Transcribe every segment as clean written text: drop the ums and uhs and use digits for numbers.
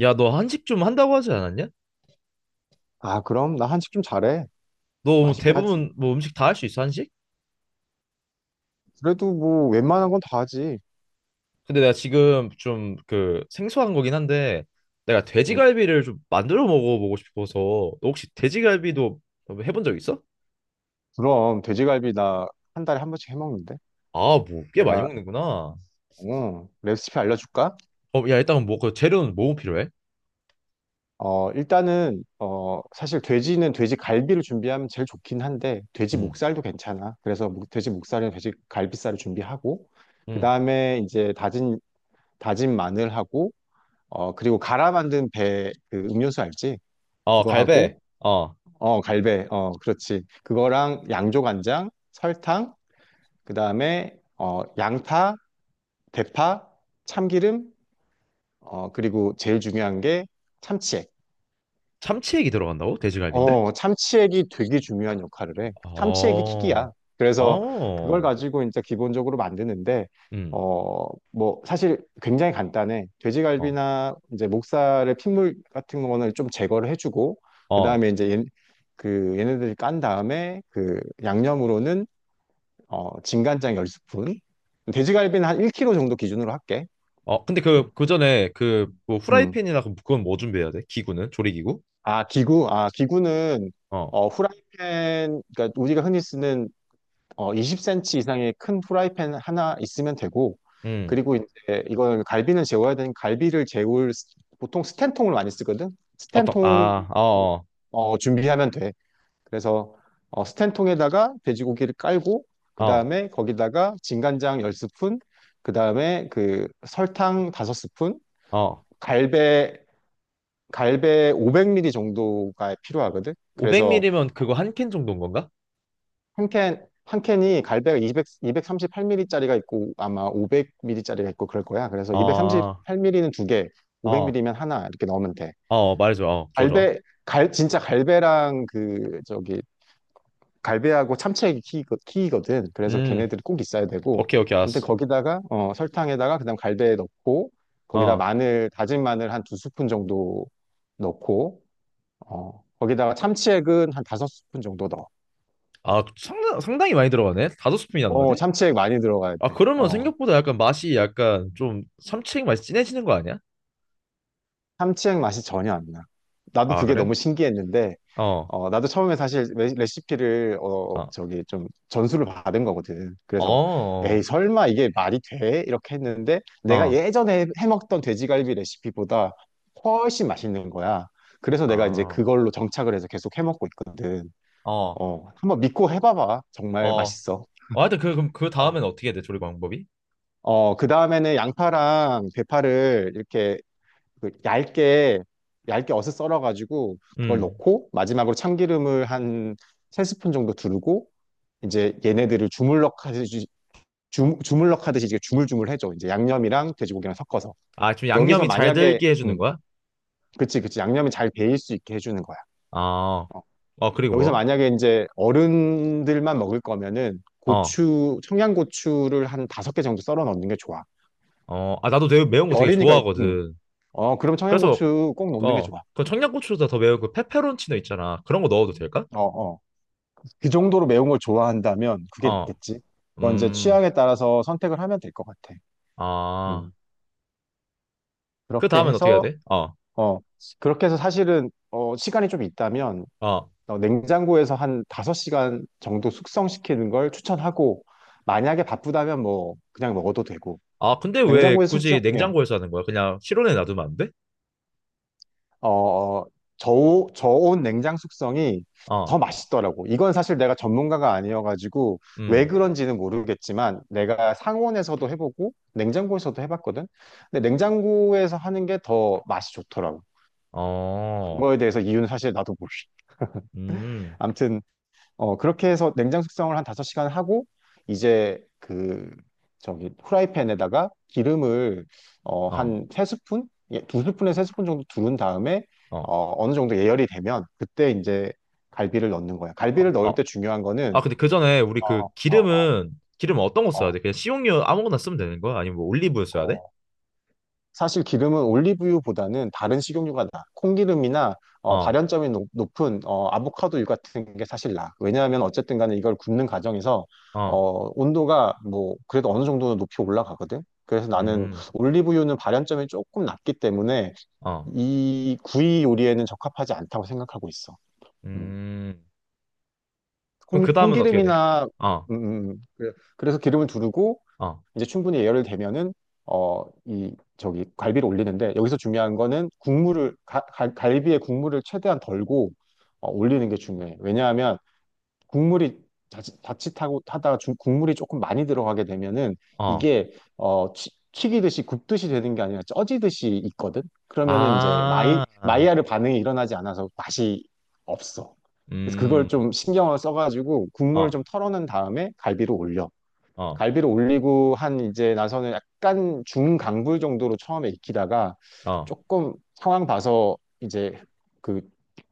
야, 너 한식 좀 한다고 하지 않았냐? 아, 그럼 나 한식 좀 잘해. 너뭐 맛있게 하지. 대부분 뭐 음식 다 할 수 있어, 한식? 그래도 뭐 웬만한 건 다 하지. 근데 내가 지금 좀 그 생소한 거긴 한데 내가 음, 돼지갈비를 좀 만들어 먹어보고 싶어서. 너 혹시 돼지갈비도 뭐 해본 적 있어? 그럼 돼지갈비 나 한 달에 한 번씩 해 먹는데. 아, 뭐 꽤 많이 내가 먹는구나. 어, 레시피 알려줄까? 야, 일단 뭐그 재료는 뭐 필요해? 일단은 사실 돼지는 돼지갈비를 준비하면 제일 좋긴 한데 돼지 응, 목살도 괜찮아. 그래서 돼지 목살이나 돼지갈비살을 준비하고 응. 그다음에 이제 다진 마늘하고 그리고 갈아 만든 배 그 음료수 알지? 어, 그거 갈배. 하고 어, 갈배. 어, 그렇지. 그거랑 양조간장, 설탕, 그다음에 양파, 대파, 참기름, 그리고 제일 중요한 게 참치액. 참치액이 들어간다고? 돼지갈비인데? 참치액이 되게 중요한 역할을 해. 참치액이 어, 킥이야. 그래서 그걸 어, 가지고 이제 기본적으로 만드는데 응, 어, 뭐 사실 굉장히 간단해. 어, 돼지갈비나 이제 목살의 핏물 같은 거는 좀 제거를 해주고 어. 그다음에 이제 그 얘네들이 깐 다음에 그 양념으로는 진간장 10스푼. 돼지갈비는 한 1kg 정도 기준으로 할게. 어, 근데 음. 그 전에 그, 뭐, 음. 후라이팬이나 그건 뭐 준비해야 돼? 기구는? 조리기구? 아, 기구. 아, 기구는 어, 후라이팬, 그러니까 우리가 흔히 쓰는 20cm 이상의 큰 후라이팬 하나 있으면 되고, 음. 그리고 이제 이걸 갈비는 재워야 되는 갈비를 재울 보통 스텐통을 많이 쓰거든. 어떤, 스텐통 아, 어, 준비하면 돼. 그래서 스텐통에다가 돼지고기를 깔고 그 어, 다음에 거기다가 진간장 10스푼 그 다음에 그 설탕 5스푼 어. 갈배 갈배 500ml 정도가 필요하거든. 그래서 500ml면 그거 한 캔 정도인 건가? 한 캔이 갈배가 200, 238ml짜리가 있고 아마 500ml짜리가 있고 그럴 거야. 그래서 아, 어, 238ml는 두 개, 어, 500ml면 하나 이렇게 넣으면 돼. 어, 말해줘. 어, 좋아, 좋아. 갈배, 진짜 갈배랑 갈배하고 참치액이 키이거든. 그래서 음, 걔네들이 꼭 있어야 되고. 오케이, 오케이, 아무튼 알았어. 거기다가 설탕에다가 그다음 갈배 넣고 거기다 어. 마늘 다진 마늘 한 두 스푼 정도 넣고 거기다가 참치액은 한 다섯 스푼 정도 넣어. 아, 상당히 많이 들어가네? 다섯 스푼이나 넣어야 돼? 참치액 많이 들어가야 아, 돼. 그러면 생각보다 약간 맛이 약간 좀 삼치액 맛이 진해지는 거 아니야? 참치액 맛이 전혀 안 나. 나도 아, 그게 그래? 너무 신기했는데 어, 나도 처음에 사실 레시피를, 어, 어, 저기 좀 전수를 받은 거거든. 그래서, 에이, 어, 설마 이게 말이 돼? 이렇게 했는데, 내가 어, 예전에 해먹던 돼지갈비 레시피보다 훨씬 맛있는 거야. 그래서 내가 이제 아, 그걸로 정착을 해서 계속 해먹고 있거든. 어, 한번 믿고 해봐봐. 정말 어. 맛있어. 아, 근데 그럼 그 어, 다음엔 어떻게 해야 돼? 조리 방법이? 그 다음에는 양파랑 대파를 이렇게 그 얇게 얇게 어슷 썰어가지고 그걸 음. 넣고 마지막으로 참기름을 한 세 스푼 정도 두르고 이제 얘네들을 주물럭 하듯이 주물럭 하듯이 이제 주물주물 해줘. 이제 양념이랑 돼지고기랑 섞어서. 아, 좀 여기서 양념이 잘 만약에 들게 해주는 거야? 그치 그치 양념이 잘 배일 수 있게 해주는 거야. 아, 어. 어, 그리고 여기서 뭐? 만약에 이제 어른들만 먹을 거면은 어, 고추 청양고추를 한 다섯 개 정도 썰어 넣는 게 좋아. 어, 아, 나도 되게 매운 거 되게 어린이가 좋아하거든. 그럼 그래서, 청양고추 꼭 넣는 게 어, 좋아. 그 청양고추보다 더 매운 그 페페론치노 있잖아. 그런 거 넣어도 될까? 어 어. 그 정도로 매운 걸 좋아한다면 그게 어, 낫겠지. 그건 이제 음, 취향에 따라서 선택을 하면 될 것 같아. 아, 음. 그 그렇게 다음엔 어떻게 해야 해서, 돼? 어, 어, 그렇게 해서 사실은, 시간이 좀 있다면, 어, 냉장고에서 한 5시간 정도 숙성시키는 걸 추천하고, 만약에 바쁘다면 뭐, 그냥 먹어도 되고, 아, 근데 왜 냉장고에 숙성, 굳이 예, 냉장고에서 하는 거야? 그냥 실온에 놔두면 안 돼? 어, 저온 냉장 숙성이 더 어, 맛있더라고. 이건 사실 내가 전문가가 아니어가지고 왜 음, 그런지는 모르겠지만 내가 상온에서도 해보고 냉장고에서도 해봤거든. 근데 냉장고에서 하는 게 더 맛이 좋더라고. 어, 그거에 대해서 이유는 사실 나도 모르. 음, 아무튼 그렇게 해서 냉장 숙성을 한 5시간 하고, 이제 후라이팬에다가 기름을, 어, 한 세 스푼 예, 스푼에세스푼 정도 두른 다음에, 어, 어느 정도 예열이 되면, 그때 이제 갈비를 넣는 거야. 어, 갈비를 넣을 어, 때 중요한 아, 거는, 근데 그 전에 우리 어, 그 어, 어, 기름 어떤 거 써야 어, 돼? 그냥 식용유 아무거나 쓰면 되는 거야? 아니면 뭐 올리브유 써야 돼? 어, 사실 기름은 올리브유보다는 다른 식용유가 나. 콩기름이나 어, 발연점이 높, 은 아보카도유 같은 게 사실 나. 왜냐하면 어쨌든 간에 이걸 굽는 과정에서 어, 온도가 뭐 그래도 어느 정도는 높이 올라가거든. 그래서 나는 음, 올리브유는 발연점이 조금 낮기 때문에 어, 이 구이 요리에는 적합하지 않다고 생각하고 있어. 음. 음. 그럼 그 다음은 어떻게 돼? 콩기름이나 어, 음. 그래서 기름을 두르고 어, 이제 충분히 예열을 되면은 이 저기 갈비를 올리는데 여기서 중요한 거는 국물을 갈비의 국물을 최대한 덜고 올리는 게 중요해. 왜냐하면 국물이 자칫하고 하다가 국물이 조금 많이 들어가게 되면은 어. 이게 튀기듯이 굽듯이 되는 게 아니라 쪄지듯이 있거든. 그러면은 이제 아, 마이야르 반응이 일어나지 않아서 맛이 없어. 그래서 음, 그걸 좀 신경을 써가지고 국물을 어, 좀 털어낸 다음에 갈비를 올려. 어, 갈비를 올리고 한 이제 나서는 약간 중강불 정도로 처음에 익히다가 어, 조금 상황 봐서 이제 그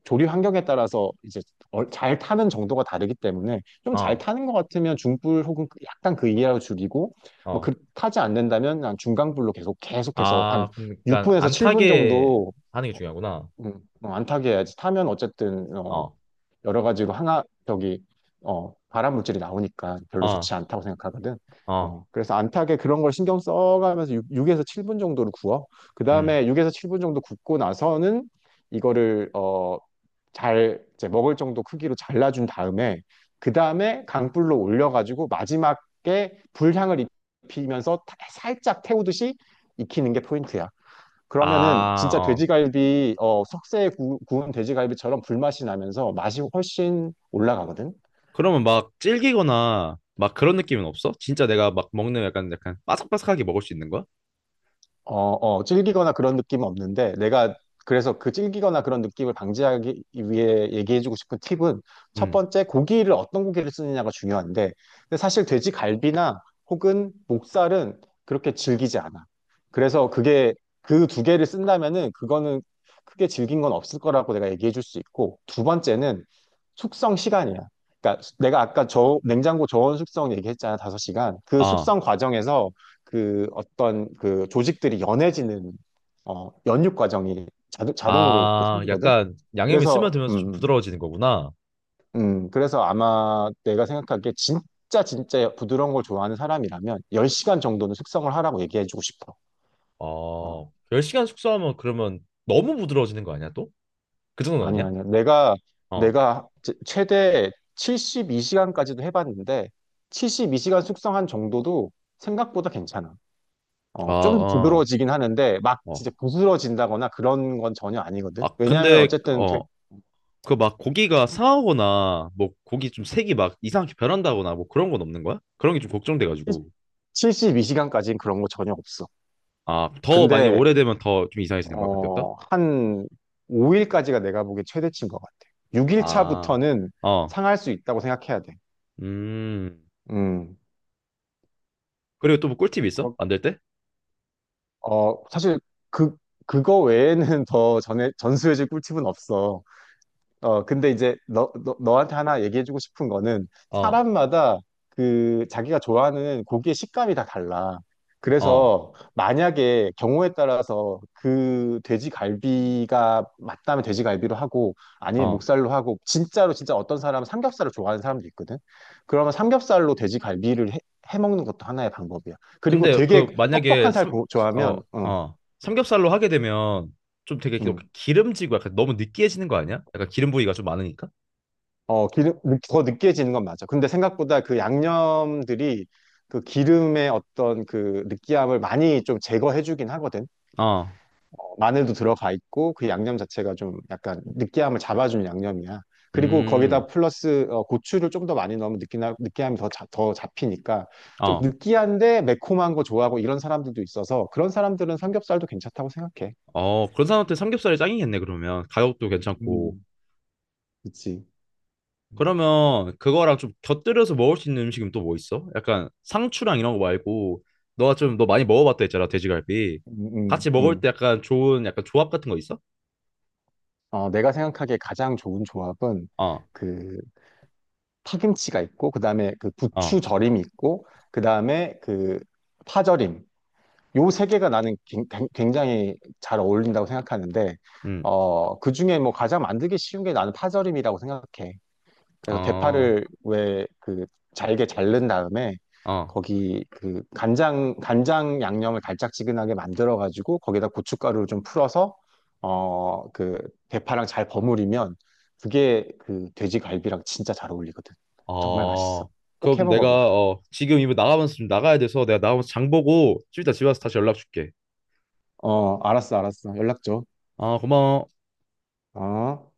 조리 환경에 따라서 이제 잘 타는 정도가 다르기 때문에 좀 잘 어, 타는 것 같으면 중불 혹은 약간 그 이하로 줄이고 뭐 어. 그 타지 않는다면 난 중강불로 계속해서 한 아, 그러니까 6분에서 안 7분 타게 정도 하는 게 어, 중요하구나. 안 타게 해야지 타면 어쨌든 어, 여러 가지로 항아 저기 발암 물질이 나오니까 별로 어, 좋지 않다고 생각하거든. 어, 그래서 안 타게 그런 걸 신경 써가면서 6, 에서 7분 정도를 구워. 그 음. 다음에 6에서 7분 정도 굽고 나서는 이거를 잘 이제 먹을 정도 크기로 잘라준 다음에 그 다음에 강불로 올려가지고 마지막에 불향을 입히면서 살짝 태우듯이 익히는 게 포인트야. 그러면은 아, 진짜 어. 돼지갈비, 석쇠에 운 돼지갈비처럼 불맛이 나면서 맛이 훨씬 올라가거든? 그러면 막 질기거나 막 그런 느낌은 없어? 진짜 내가 막 먹는 약간 약간 바삭바삭하게 먹을 수 있는 거야? 질기거나 그런 느낌은 없는데, 내가 그래서 그 질기거나 그런 느낌을 방지하기 위해 얘기해주고 싶은 팁은 첫 응. 번째, 고기를 어떤 고기를 쓰느냐가 중요한데, 근데 사실 돼지 갈비나 혹은 목살은 그렇게 질기지 않아. 그래서 그게 그 두 개를 쓴다면은 그거는 크게 질긴 건 없을 거라고 내가 얘기해줄 수 있고, 두 번째는 숙성 시간이야. 그러니까 내가 아까 저 냉장고 저온 숙성 얘기했잖아, 다섯 시간그 아, 숙성 과정에서 그 어떤 그 조직들이 연해지는 연육 과정이 자동으로 그 아, 생기거든. 약간 양념이 그래서 스며들면서 좀 부드러워지는 거구나. 그래서 아마 내가 생각하기에 진짜 진짜 부드러운 걸 좋아하는 사람이라면 10시간 정도는 숙성을 하라고 얘기해주고 싶어. 어, 어, 10시간 숙성하면 그러면 너무 부드러워지는 거 아니야, 또? 그 정도는 아니 아니야? 아니야. 어. 내가 최대 72시간까지도 해봤는데 72시간 숙성한 정도도 생각보다 괜찮아. 아, 좀 아, 부드러워지긴 하는데, 막 진짜 어. 부스러진다거나 그런 건 전혀 아니거든. 아, 왜냐면 근데 어쨌든 어, 그 막 고기가 상하거나 뭐 고기 좀 색이 막 이상하게 변한다거나 뭐 그런 건 없는 거야? 그런 게 좀 걱정돼가지고. 72시간까지는 그런 거 전혀 없어. 아, 더 많이 근데, 오래되면 더 좀 이상해지는 거야, 그때부터? 한 5일까지가 내가 보기엔 최대치인 것 같아. 6일 아, 차부터는 어, 상할 수 있다고 생각해야 돼. 음. 음, 그리고 또 뭐 꿀팁 있어? 그렇- 만들 때? 사실 그, 그거 외에는 더 전에, 전수해줄 꿀팁은 없어. 근데 이제 너한테 하나 얘기해주고 싶은 거는 어. 사람마다 그 자기가 좋아하는 고기의 식감이 다 달라. 어, 그래서 만약에 경우에 따라서 그 돼지갈비가 맞다면 돼지갈비로 하고 아니면 어, 목살로 하고 진짜로 진짜 어떤 사람은 삼겹살을 좋아하는 사람도 있거든. 그러면 삼겹살로 돼지갈비를 해, 해 먹는 것도 하나의 방법이야. 그리고 근데 되게 그 만약에 뻑뻑한 살 어, 좋아하면 어, 삼겹살로 하게 되면 좀 되게 기- 음. 기름지고 약간 너무 느끼해지는 거 아니야? 약간 기름 부위가 좀 많으니까? 기름, 더 느끼해지는 건 맞아. 근데 생각보다 그 양념들이 그 기름의 어떤 그 느끼함을 많이 좀 제거해주긴 하거든. 어, 마늘도 들어가 있고 그 양념 자체가 좀 약간 느끼함을 잡아주는 양념이야. 그리고 거기다 음, 플러스 고추를 좀 더 많이 넣으면 느끼함이 더, 더 잡히니까 좀 어, 느끼한데 매콤한 거 좋아하고 이런 사람들도 있어서 그런 사람들은 삼겹살도 괜찮다고 생각해. 어. 그런 사람한테 삼겹살이 짱이겠네, 그러면. 가격도 괜찮고. 음, 그치. 음, 그러면 그거랑 좀 곁들여서 먹을 수 있는 음식은 또 뭐 있어? 약간 상추랑 이런 거 말고 너가 좀 너 많이 먹어봤다 했잖아 돼지갈비 음, 같이 먹을 음. 때 약간 좋은 약간 조합 같은 거 있어? 내가 생각하기에 가장 좋은 조합은 어, 그 파김치가 있고 그다음에 그 어, 부추 절임이 있고 그다음에 그 파절임 요 세 개가 나는 굉장히 잘 어울린다고 생각하는데 음, 그중에 뭐 가장 만들기 쉬운 게 나는 파절임이라고 생각해. 그래서 어, 대파를 왜 그 잘게 자른 다음에 어, 거기 그 간장 양념을 달짝지근하게 만들어 가지고 거기다 고춧가루를 좀 풀어서 그 대파랑 잘 버무리면 그게 그 돼지갈비랑 진짜 잘 어울리거든. 정말 맛있어. 어. 꼭 해 그럼 내가 먹어봐. 어 지금 이거 나가면서 좀 나가야 돼서 내가 나가면서 장 보고 좀 이따 집에 와서 다시 연락 줄게. 어, 알았어, 알았어. 연락 줘. 아 고마워. 어.